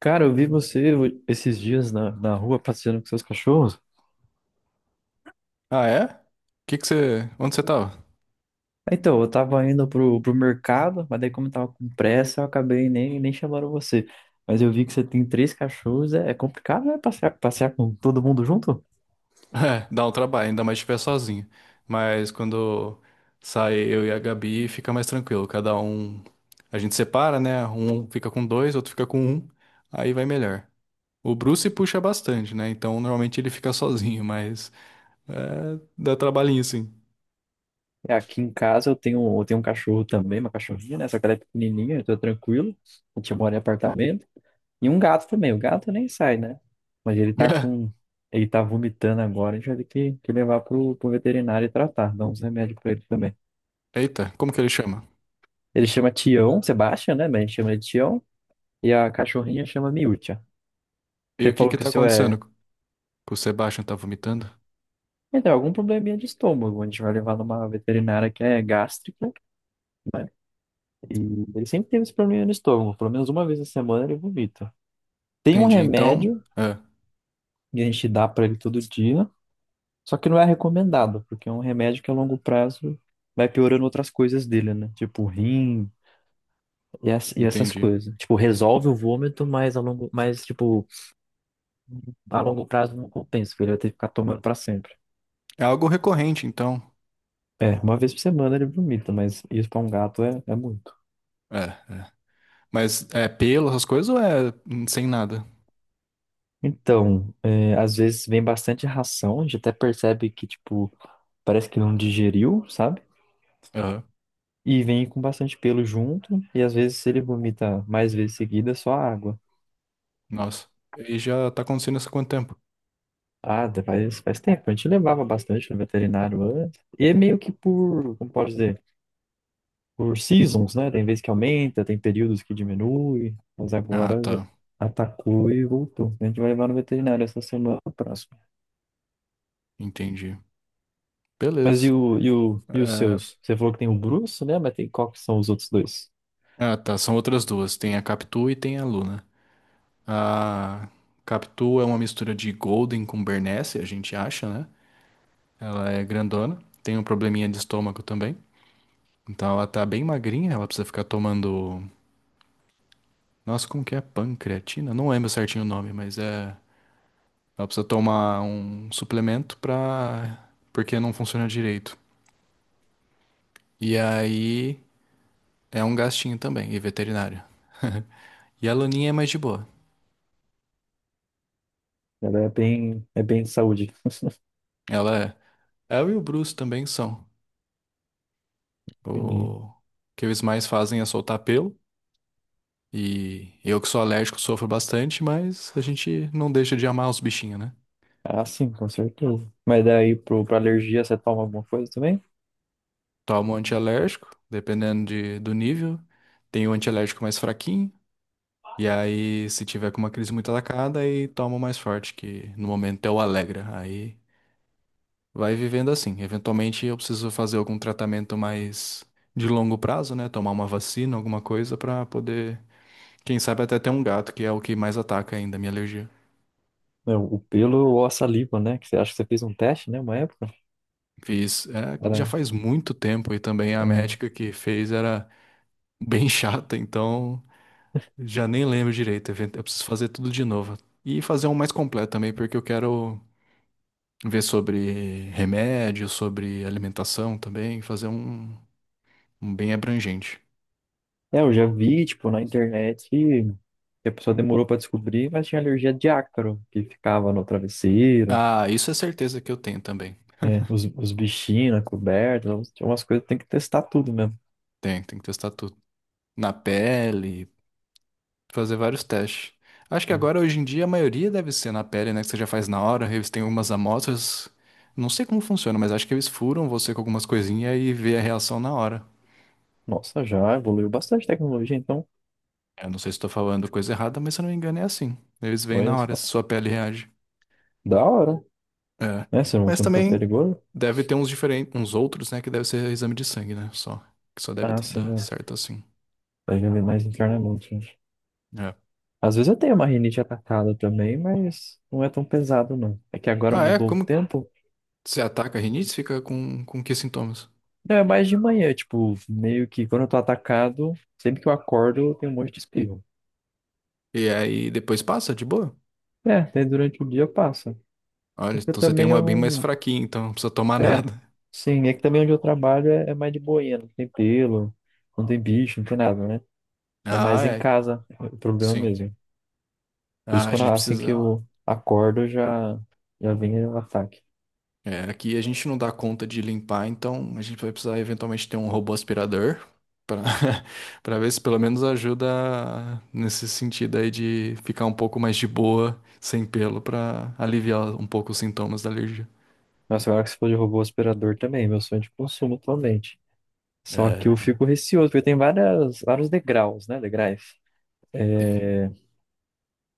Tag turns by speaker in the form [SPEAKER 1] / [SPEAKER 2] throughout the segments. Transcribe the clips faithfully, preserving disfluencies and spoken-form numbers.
[SPEAKER 1] Cara, eu vi você esses dias na, na rua passeando com seus cachorros.
[SPEAKER 2] Ah, é? Que que você. Onde você tava?
[SPEAKER 1] Então, eu tava indo pro, pro mercado, mas daí como eu tava com pressa, eu acabei nem, nem chamando você. Mas eu vi que você tem três cachorros, é, é complicado, né? Passear, passear com todo mundo junto?
[SPEAKER 2] É, dá um trabalho, ainda mais se estiver sozinho. Mas quando sai eu e a Gabi, fica mais tranquilo. Cada um. A gente separa, né? Um fica com dois, outro fica com um. Aí vai melhor. O Bruce puxa bastante, né? Então normalmente ele fica sozinho, mas. É, dá trabalhinho sim.
[SPEAKER 1] É, aqui em casa eu tenho, eu tenho um cachorro também, uma cachorrinha, né? Só que ela é pequenininha, eu tô tranquilo. A gente mora em apartamento. E um gato também, o gato nem sai, né? Mas ele tá com... Ele tá vomitando agora, a gente vai ter que, que levar pro, pro veterinário e tratar, dar uns remédios pra ele também.
[SPEAKER 2] Eita, como que ele chama?
[SPEAKER 1] Ele chama Tião, Sebastian, né? Mas a gente chama ele de Tião. E a cachorrinha chama Miúcha.
[SPEAKER 2] E
[SPEAKER 1] Você
[SPEAKER 2] o que
[SPEAKER 1] falou
[SPEAKER 2] que
[SPEAKER 1] que o
[SPEAKER 2] tá
[SPEAKER 1] seu é.
[SPEAKER 2] acontecendo? Que o Sebastian tá vomitando?
[SPEAKER 1] Então algum probleminha de estômago. A gente vai levar numa veterinária que é gástrica, né? E ele sempre teve esse probleminha no estômago. Pelo menos uma vez na semana ele vomita. Tem um
[SPEAKER 2] Entendi. Então.
[SPEAKER 1] remédio
[SPEAKER 2] É,
[SPEAKER 1] que a gente dá pra ele todo dia. Só que não é recomendado, porque é um remédio que a longo prazo vai piorando outras coisas dele, né? Tipo rim e, as- e essas
[SPEAKER 2] entendi.
[SPEAKER 1] coisas. Tipo, resolve o vômito, mas a longo, mas tipo, a longo prazo não compensa, porque ele vai ter que ficar tomando pra sempre.
[SPEAKER 2] É algo recorrente, então.
[SPEAKER 1] É, uma vez por semana ele vomita, mas isso pra um gato é, é muito.
[SPEAKER 2] É, é. Mas é pelo, essas coisas ou é hum, sem nada?
[SPEAKER 1] Então, é, às vezes vem bastante ração, a gente até percebe que, tipo, parece que não digeriu, sabe?
[SPEAKER 2] Aham.
[SPEAKER 1] E vem com bastante pelo junto, e às vezes ele vomita mais vezes seguida, é só água.
[SPEAKER 2] Nossa. E já tá acontecendo isso há quanto tempo?
[SPEAKER 1] Ah, faz, faz tempo, a gente levava bastante no veterinário antes. E é meio que por, como pode dizer? Por seasons, né? Tem vezes que aumenta, tem períodos que diminui, mas
[SPEAKER 2] Ah,
[SPEAKER 1] agora
[SPEAKER 2] tá.
[SPEAKER 1] já atacou e voltou. A gente vai levar no veterinário essa semana próxima.
[SPEAKER 2] Entendi.
[SPEAKER 1] Mas e,
[SPEAKER 2] Beleza.
[SPEAKER 1] o, e, o, e os
[SPEAKER 2] É,
[SPEAKER 1] seus? Você falou que tem o Bruce, né? Mas tem qual que são os outros dois?
[SPEAKER 2] Ah, tá. São outras duas. Tem a Capitu e tem a Luna. A Capitu é uma mistura de Golden com Bernese, a gente acha, né? Ela é grandona. Tem um probleminha de estômago também. Então ela tá bem magrinha. Ela precisa ficar tomando. Nossa, como que é? Pancreatina? Não lembro certinho o nome, mas é. Ela precisa tomar um suplemento pra porque não funciona direito. E aí é um gastinho também, e veterinário. E a Laninha é mais de boa.
[SPEAKER 1] Ela é bem, é bem de saúde.
[SPEAKER 2] Ela é. Ela e o Bruce também são.
[SPEAKER 1] Entendi.
[SPEAKER 2] O que eles mais fazem é soltar pelo. E eu que sou alérgico sofro bastante, mas a gente não deixa de amar os bichinhos, né?
[SPEAKER 1] Ah, sim, com certeza. Mas daí pro, pra alergia você toma alguma coisa também?
[SPEAKER 2] Toma um antialérgico, dependendo de do nível. Tem o antialérgico mais fraquinho. E aí, se tiver com uma crise muito atacada, aí toma o mais forte, que no momento é o Alegra. Aí vai vivendo assim. Eventualmente eu preciso fazer algum tratamento mais de longo prazo, né? Tomar uma vacina, alguma coisa pra poder, quem sabe até ter um gato, que é o que mais ataca ainda a minha alergia.
[SPEAKER 1] Não, o pelo ou a saliva, né? Que você acha que você fez um teste, né? Uma época.
[SPEAKER 2] Fiz, é,
[SPEAKER 1] Era,
[SPEAKER 2] já faz muito tempo e também a
[SPEAKER 1] é,
[SPEAKER 2] médica que fez era bem chata, então já nem lembro direito. Event- Eu preciso fazer tudo de novo. E fazer um mais completo também, porque eu quero ver sobre remédio, sobre alimentação também, fazer um, um bem abrangente.
[SPEAKER 1] É, eu já vi, tipo, na internet que a pessoa demorou pra descobrir, mas tinha alergia de ácaro, que ficava no travesseiro,
[SPEAKER 2] Ah, isso é certeza que eu tenho também.
[SPEAKER 1] é, os, os bichinhos na coberta, então tinha umas coisas que tem que testar tudo mesmo.
[SPEAKER 2] Tem, tem que testar tudo. Na pele, fazer vários testes. Acho que agora, hoje em dia, a maioria deve ser na pele, né? Que você já faz na hora, eles têm algumas amostras. Não sei como funciona, mas acho que eles furam você com algumas coisinhas e vê a reação na hora.
[SPEAKER 1] Nossa, já evoluiu bastante a tecnologia, então,
[SPEAKER 2] Eu não sei se estou falando coisa errada, mas se eu não me engano é assim. Eles veem
[SPEAKER 1] olha
[SPEAKER 2] na hora
[SPEAKER 1] só.
[SPEAKER 2] se sua pele reage.
[SPEAKER 1] Da hora,
[SPEAKER 2] É.
[SPEAKER 1] né? Se não,
[SPEAKER 2] Mas
[SPEAKER 1] se não for
[SPEAKER 2] também
[SPEAKER 1] perigoso.
[SPEAKER 2] deve ter uns diferentes, uns outros, né, que deve ser exame de sangue, né? Só. Que só deve
[SPEAKER 1] Ah,
[SPEAKER 2] dar
[SPEAKER 1] sim, ó,
[SPEAKER 2] certo assim.
[SPEAKER 1] vai viver mais internamente, né?
[SPEAKER 2] É.
[SPEAKER 1] Às vezes eu tenho uma rinite atacada também, mas não é tão pesado, não. É que agora
[SPEAKER 2] Ah, é?
[SPEAKER 1] mudou o
[SPEAKER 2] Como que
[SPEAKER 1] tempo.
[SPEAKER 2] você ataca a rinite? Fica com, com que sintomas?
[SPEAKER 1] Não, é mais de manhã, tipo, meio que quando eu tô atacado, sempre que eu acordo, eu tenho um monte de espirro.
[SPEAKER 2] E aí depois passa de boa?
[SPEAKER 1] É, até durante o dia passa.
[SPEAKER 2] Olha,
[SPEAKER 1] Porque
[SPEAKER 2] então você tem
[SPEAKER 1] também
[SPEAKER 2] uma
[SPEAKER 1] eu
[SPEAKER 2] bem mais
[SPEAKER 1] não.
[SPEAKER 2] fraquinha, então não precisa tomar
[SPEAKER 1] É,
[SPEAKER 2] nada.
[SPEAKER 1] sim, é que também onde eu trabalho é, é mais de boinha, não tem pelo, não tem bicho, não tem nada, né? É
[SPEAKER 2] Ah,
[SPEAKER 1] mais em
[SPEAKER 2] é.
[SPEAKER 1] casa é o problema
[SPEAKER 2] Sim.
[SPEAKER 1] mesmo. Por isso,
[SPEAKER 2] Ah, a
[SPEAKER 1] quando,
[SPEAKER 2] gente
[SPEAKER 1] assim que
[SPEAKER 2] precisa.
[SPEAKER 1] eu acordo, eu já, já vem o ataque.
[SPEAKER 2] É, aqui a gente não dá conta de limpar, então a gente vai precisar eventualmente ter um robô aspirador para para ver se pelo menos ajuda nesse sentido aí de ficar um pouco mais de boa, sem pelo, para aliviar um pouco os sintomas da alergia.
[SPEAKER 1] Nossa, agora que você falou de robô aspirador também, meu sonho é de consumo atualmente. Só que eu
[SPEAKER 2] É,
[SPEAKER 1] fico receoso, porque tem várias, vários degraus, né? Degraus.
[SPEAKER 2] tem.
[SPEAKER 1] É,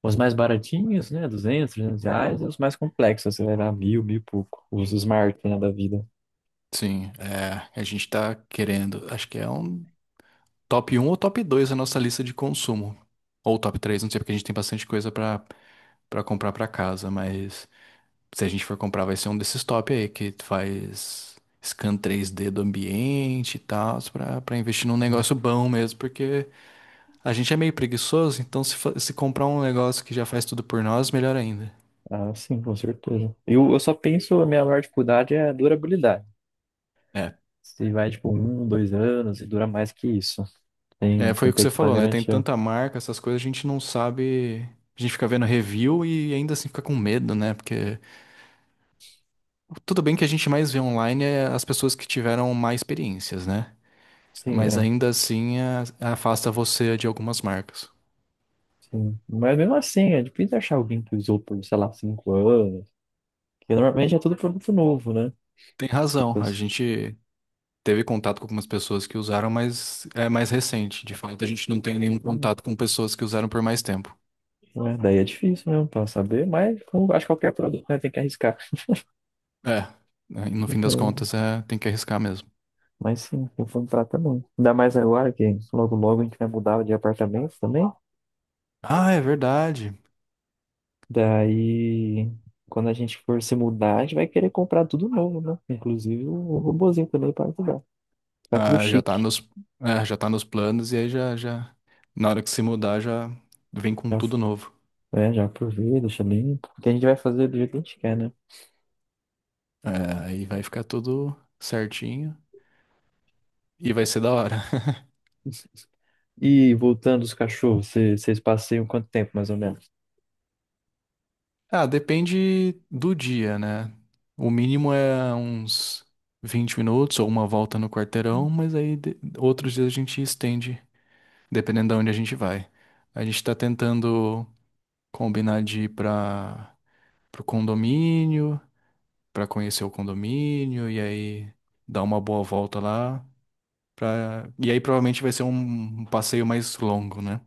[SPEAKER 1] os mais baratinhos, né? Duzentos, trezentos reais. E os mais complexos, você vai dar mil, mil e pouco. Os smart, né, da vida.
[SPEAKER 2] Sim, é, a gente tá querendo, acho que é um top um ou top dois a nossa lista de consumo. Ou top três não sei, porque a gente tem bastante coisa para para comprar para casa, mas se a gente for comprar, vai ser um desses top aí, que faz scan três D do ambiente e tal, pra, pra investir num negócio bom mesmo, porque a gente é meio preguiçoso, então se, fa- se comprar um negócio que já faz tudo por nós, melhor ainda.
[SPEAKER 1] Ah, sim, com certeza. Eu, eu só penso, a minha maior dificuldade é a durabilidade.
[SPEAKER 2] É,
[SPEAKER 1] Se vai, tipo, um, dois anos e dura mais que isso. Tem,
[SPEAKER 2] é,
[SPEAKER 1] você
[SPEAKER 2] foi o que
[SPEAKER 1] tem
[SPEAKER 2] você
[SPEAKER 1] que
[SPEAKER 2] falou,
[SPEAKER 1] pagar
[SPEAKER 2] né? Tem
[SPEAKER 1] garantia.
[SPEAKER 2] tanta marca, essas coisas, a gente não sabe. A gente fica vendo review e ainda assim fica com medo, né? Porque tudo bem que a gente mais vê online é as pessoas que tiveram mais experiências, né?
[SPEAKER 1] Sim,
[SPEAKER 2] Mas
[SPEAKER 1] é.
[SPEAKER 2] ainda assim a- afasta você de algumas marcas.
[SPEAKER 1] Sim. Mas mesmo assim, é difícil achar alguém que usou por, sei lá, cinco anos. Porque normalmente é tudo produto novo, né?
[SPEAKER 2] Tem razão, a
[SPEAKER 1] Depois-
[SPEAKER 2] gente teve contato com algumas pessoas que usaram, mas é mais recente. De fato, a gente não tem nenhum
[SPEAKER 1] hum,
[SPEAKER 2] contato com pessoas que usaram por mais tempo.
[SPEAKER 1] né, daí é difícil mesmo pra saber, mas como acho que qualquer produto, né, tem que arriscar.
[SPEAKER 2] É, né, no fim das contas,
[SPEAKER 1] Então.
[SPEAKER 2] é, tem que arriscar mesmo.
[SPEAKER 1] Mas sim, eu vou entrar também. Ainda mais agora que logo logo a gente vai mudar de apartamento também.
[SPEAKER 2] Ah, é verdade.
[SPEAKER 1] Daí, quando a gente for se mudar, a gente vai querer comprar tudo novo, né? Inclusive o robozinho também para ajudar. Ficar tudo
[SPEAKER 2] Ah, já tá
[SPEAKER 1] chique.
[SPEAKER 2] nos, é, já tá nos planos e aí já, já, na hora que se mudar, já vem com
[SPEAKER 1] Já,
[SPEAKER 2] tudo novo.
[SPEAKER 1] é, já aproveita, deixa limpo. Porque a gente vai fazer do jeito que a gente quer, né?
[SPEAKER 2] É, aí vai ficar tudo certinho e vai ser da hora.
[SPEAKER 1] E voltando os cachorros, cê- vocês passeiam quanto tempo mais ou menos?
[SPEAKER 2] Ah, depende do dia, né? O mínimo é uns vinte minutos ou uma volta no quarteirão, mas aí de- outros dias a gente estende, dependendo de onde a gente vai. A gente tá tentando combinar de ir para pro condomínio, pra conhecer o condomínio e aí dar uma boa volta lá, pra e aí provavelmente vai ser um um passeio mais longo, né?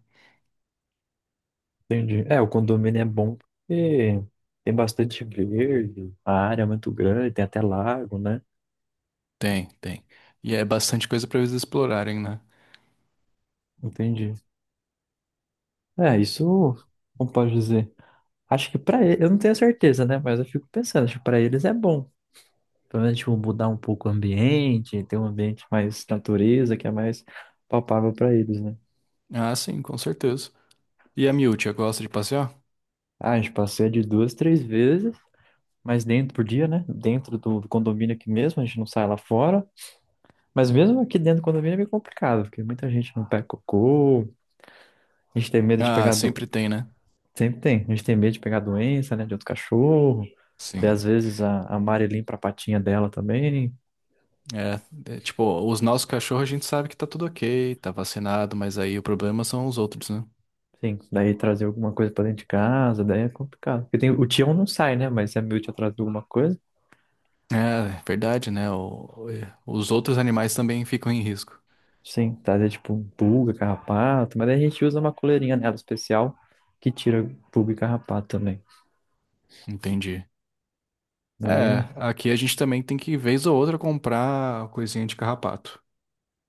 [SPEAKER 1] Entendi. É, o condomínio é bom porque tem bastante verde, a área é muito grande, tem até lago, né?
[SPEAKER 2] Tem, tem. E é bastante coisa pra eles explorarem, né?
[SPEAKER 1] Entendi. É, isso, como pode dizer? Acho que pra ele, eu não tenho certeza, né? Mas eu fico pensando, acho que pra eles é bom. Pelo menos, tipo, mudar um pouco o ambiente, ter um ambiente mais natureza, que é mais palpável pra eles, né?
[SPEAKER 2] Ah, sim, com certeza. E a Miúcha gosta de passear?
[SPEAKER 1] Ah, a gente passeia de duas, três vezes, mas dentro por dia, né? Dentro do do condomínio aqui mesmo, a gente não sai lá fora. Mas mesmo aqui dentro do condomínio é meio complicado, porque muita gente não pega cocô, a gente tem medo de
[SPEAKER 2] Ah,
[SPEAKER 1] pegar do-
[SPEAKER 2] sempre tem, né?
[SPEAKER 1] Sempre tem. A gente tem medo de pegar doença, né, de outro cachorro. Daí, às
[SPEAKER 2] Sim.
[SPEAKER 1] vezes, a, a Mari limpa a patinha dela também.
[SPEAKER 2] É, é, tipo, os nossos cachorros a gente sabe que tá tudo ok, tá vacinado, mas aí o problema são os outros, né?
[SPEAKER 1] Sim, daí trazer alguma coisa pra dentro de casa, daí é complicado. Porque tem, o Tião não sai, né? Mas se a Miúcha atrás de alguma coisa,
[SPEAKER 2] É, verdade, né? O- é, os outros animais também ficam em risco.
[SPEAKER 1] sim, trazer tipo um pulga, carrapato. Mas daí a gente usa uma coleirinha nela especial que tira pulga e carrapato também.
[SPEAKER 2] Entendi.
[SPEAKER 1] Daí
[SPEAKER 2] É,
[SPEAKER 1] é,
[SPEAKER 2] aqui a gente também tem que, vez ou outra, comprar coisinha de carrapato.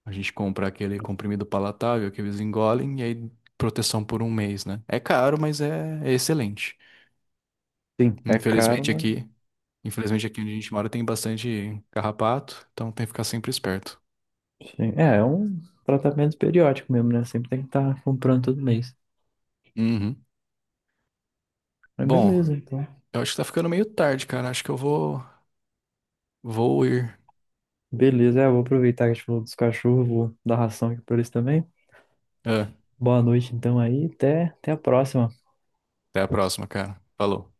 [SPEAKER 2] A gente compra aquele comprimido palatável que eles engolem e aí proteção por um mês, né? É caro, mas é é excelente.
[SPEAKER 1] sim, é caro,
[SPEAKER 2] Infelizmente
[SPEAKER 1] mas
[SPEAKER 2] aqui. Infelizmente aqui onde a gente mora tem bastante carrapato, então tem que ficar sempre esperto.
[SPEAKER 1] sim. É, é um tratamento periódico mesmo, né? Sempre tem que estar comprando todo mês.
[SPEAKER 2] Uhum.
[SPEAKER 1] Mas
[SPEAKER 2] Bom,
[SPEAKER 1] beleza, então.
[SPEAKER 2] eu acho que tá ficando meio tarde, cara. Acho que eu vou, vou ir.
[SPEAKER 1] Beleza, é, eu vou aproveitar que a gente falou dos cachorros, vou dar ração aqui pra eles também.
[SPEAKER 2] Ah,
[SPEAKER 1] Boa noite, então, aí. Até, até a próxima.
[SPEAKER 2] até a próxima, cara. Falou.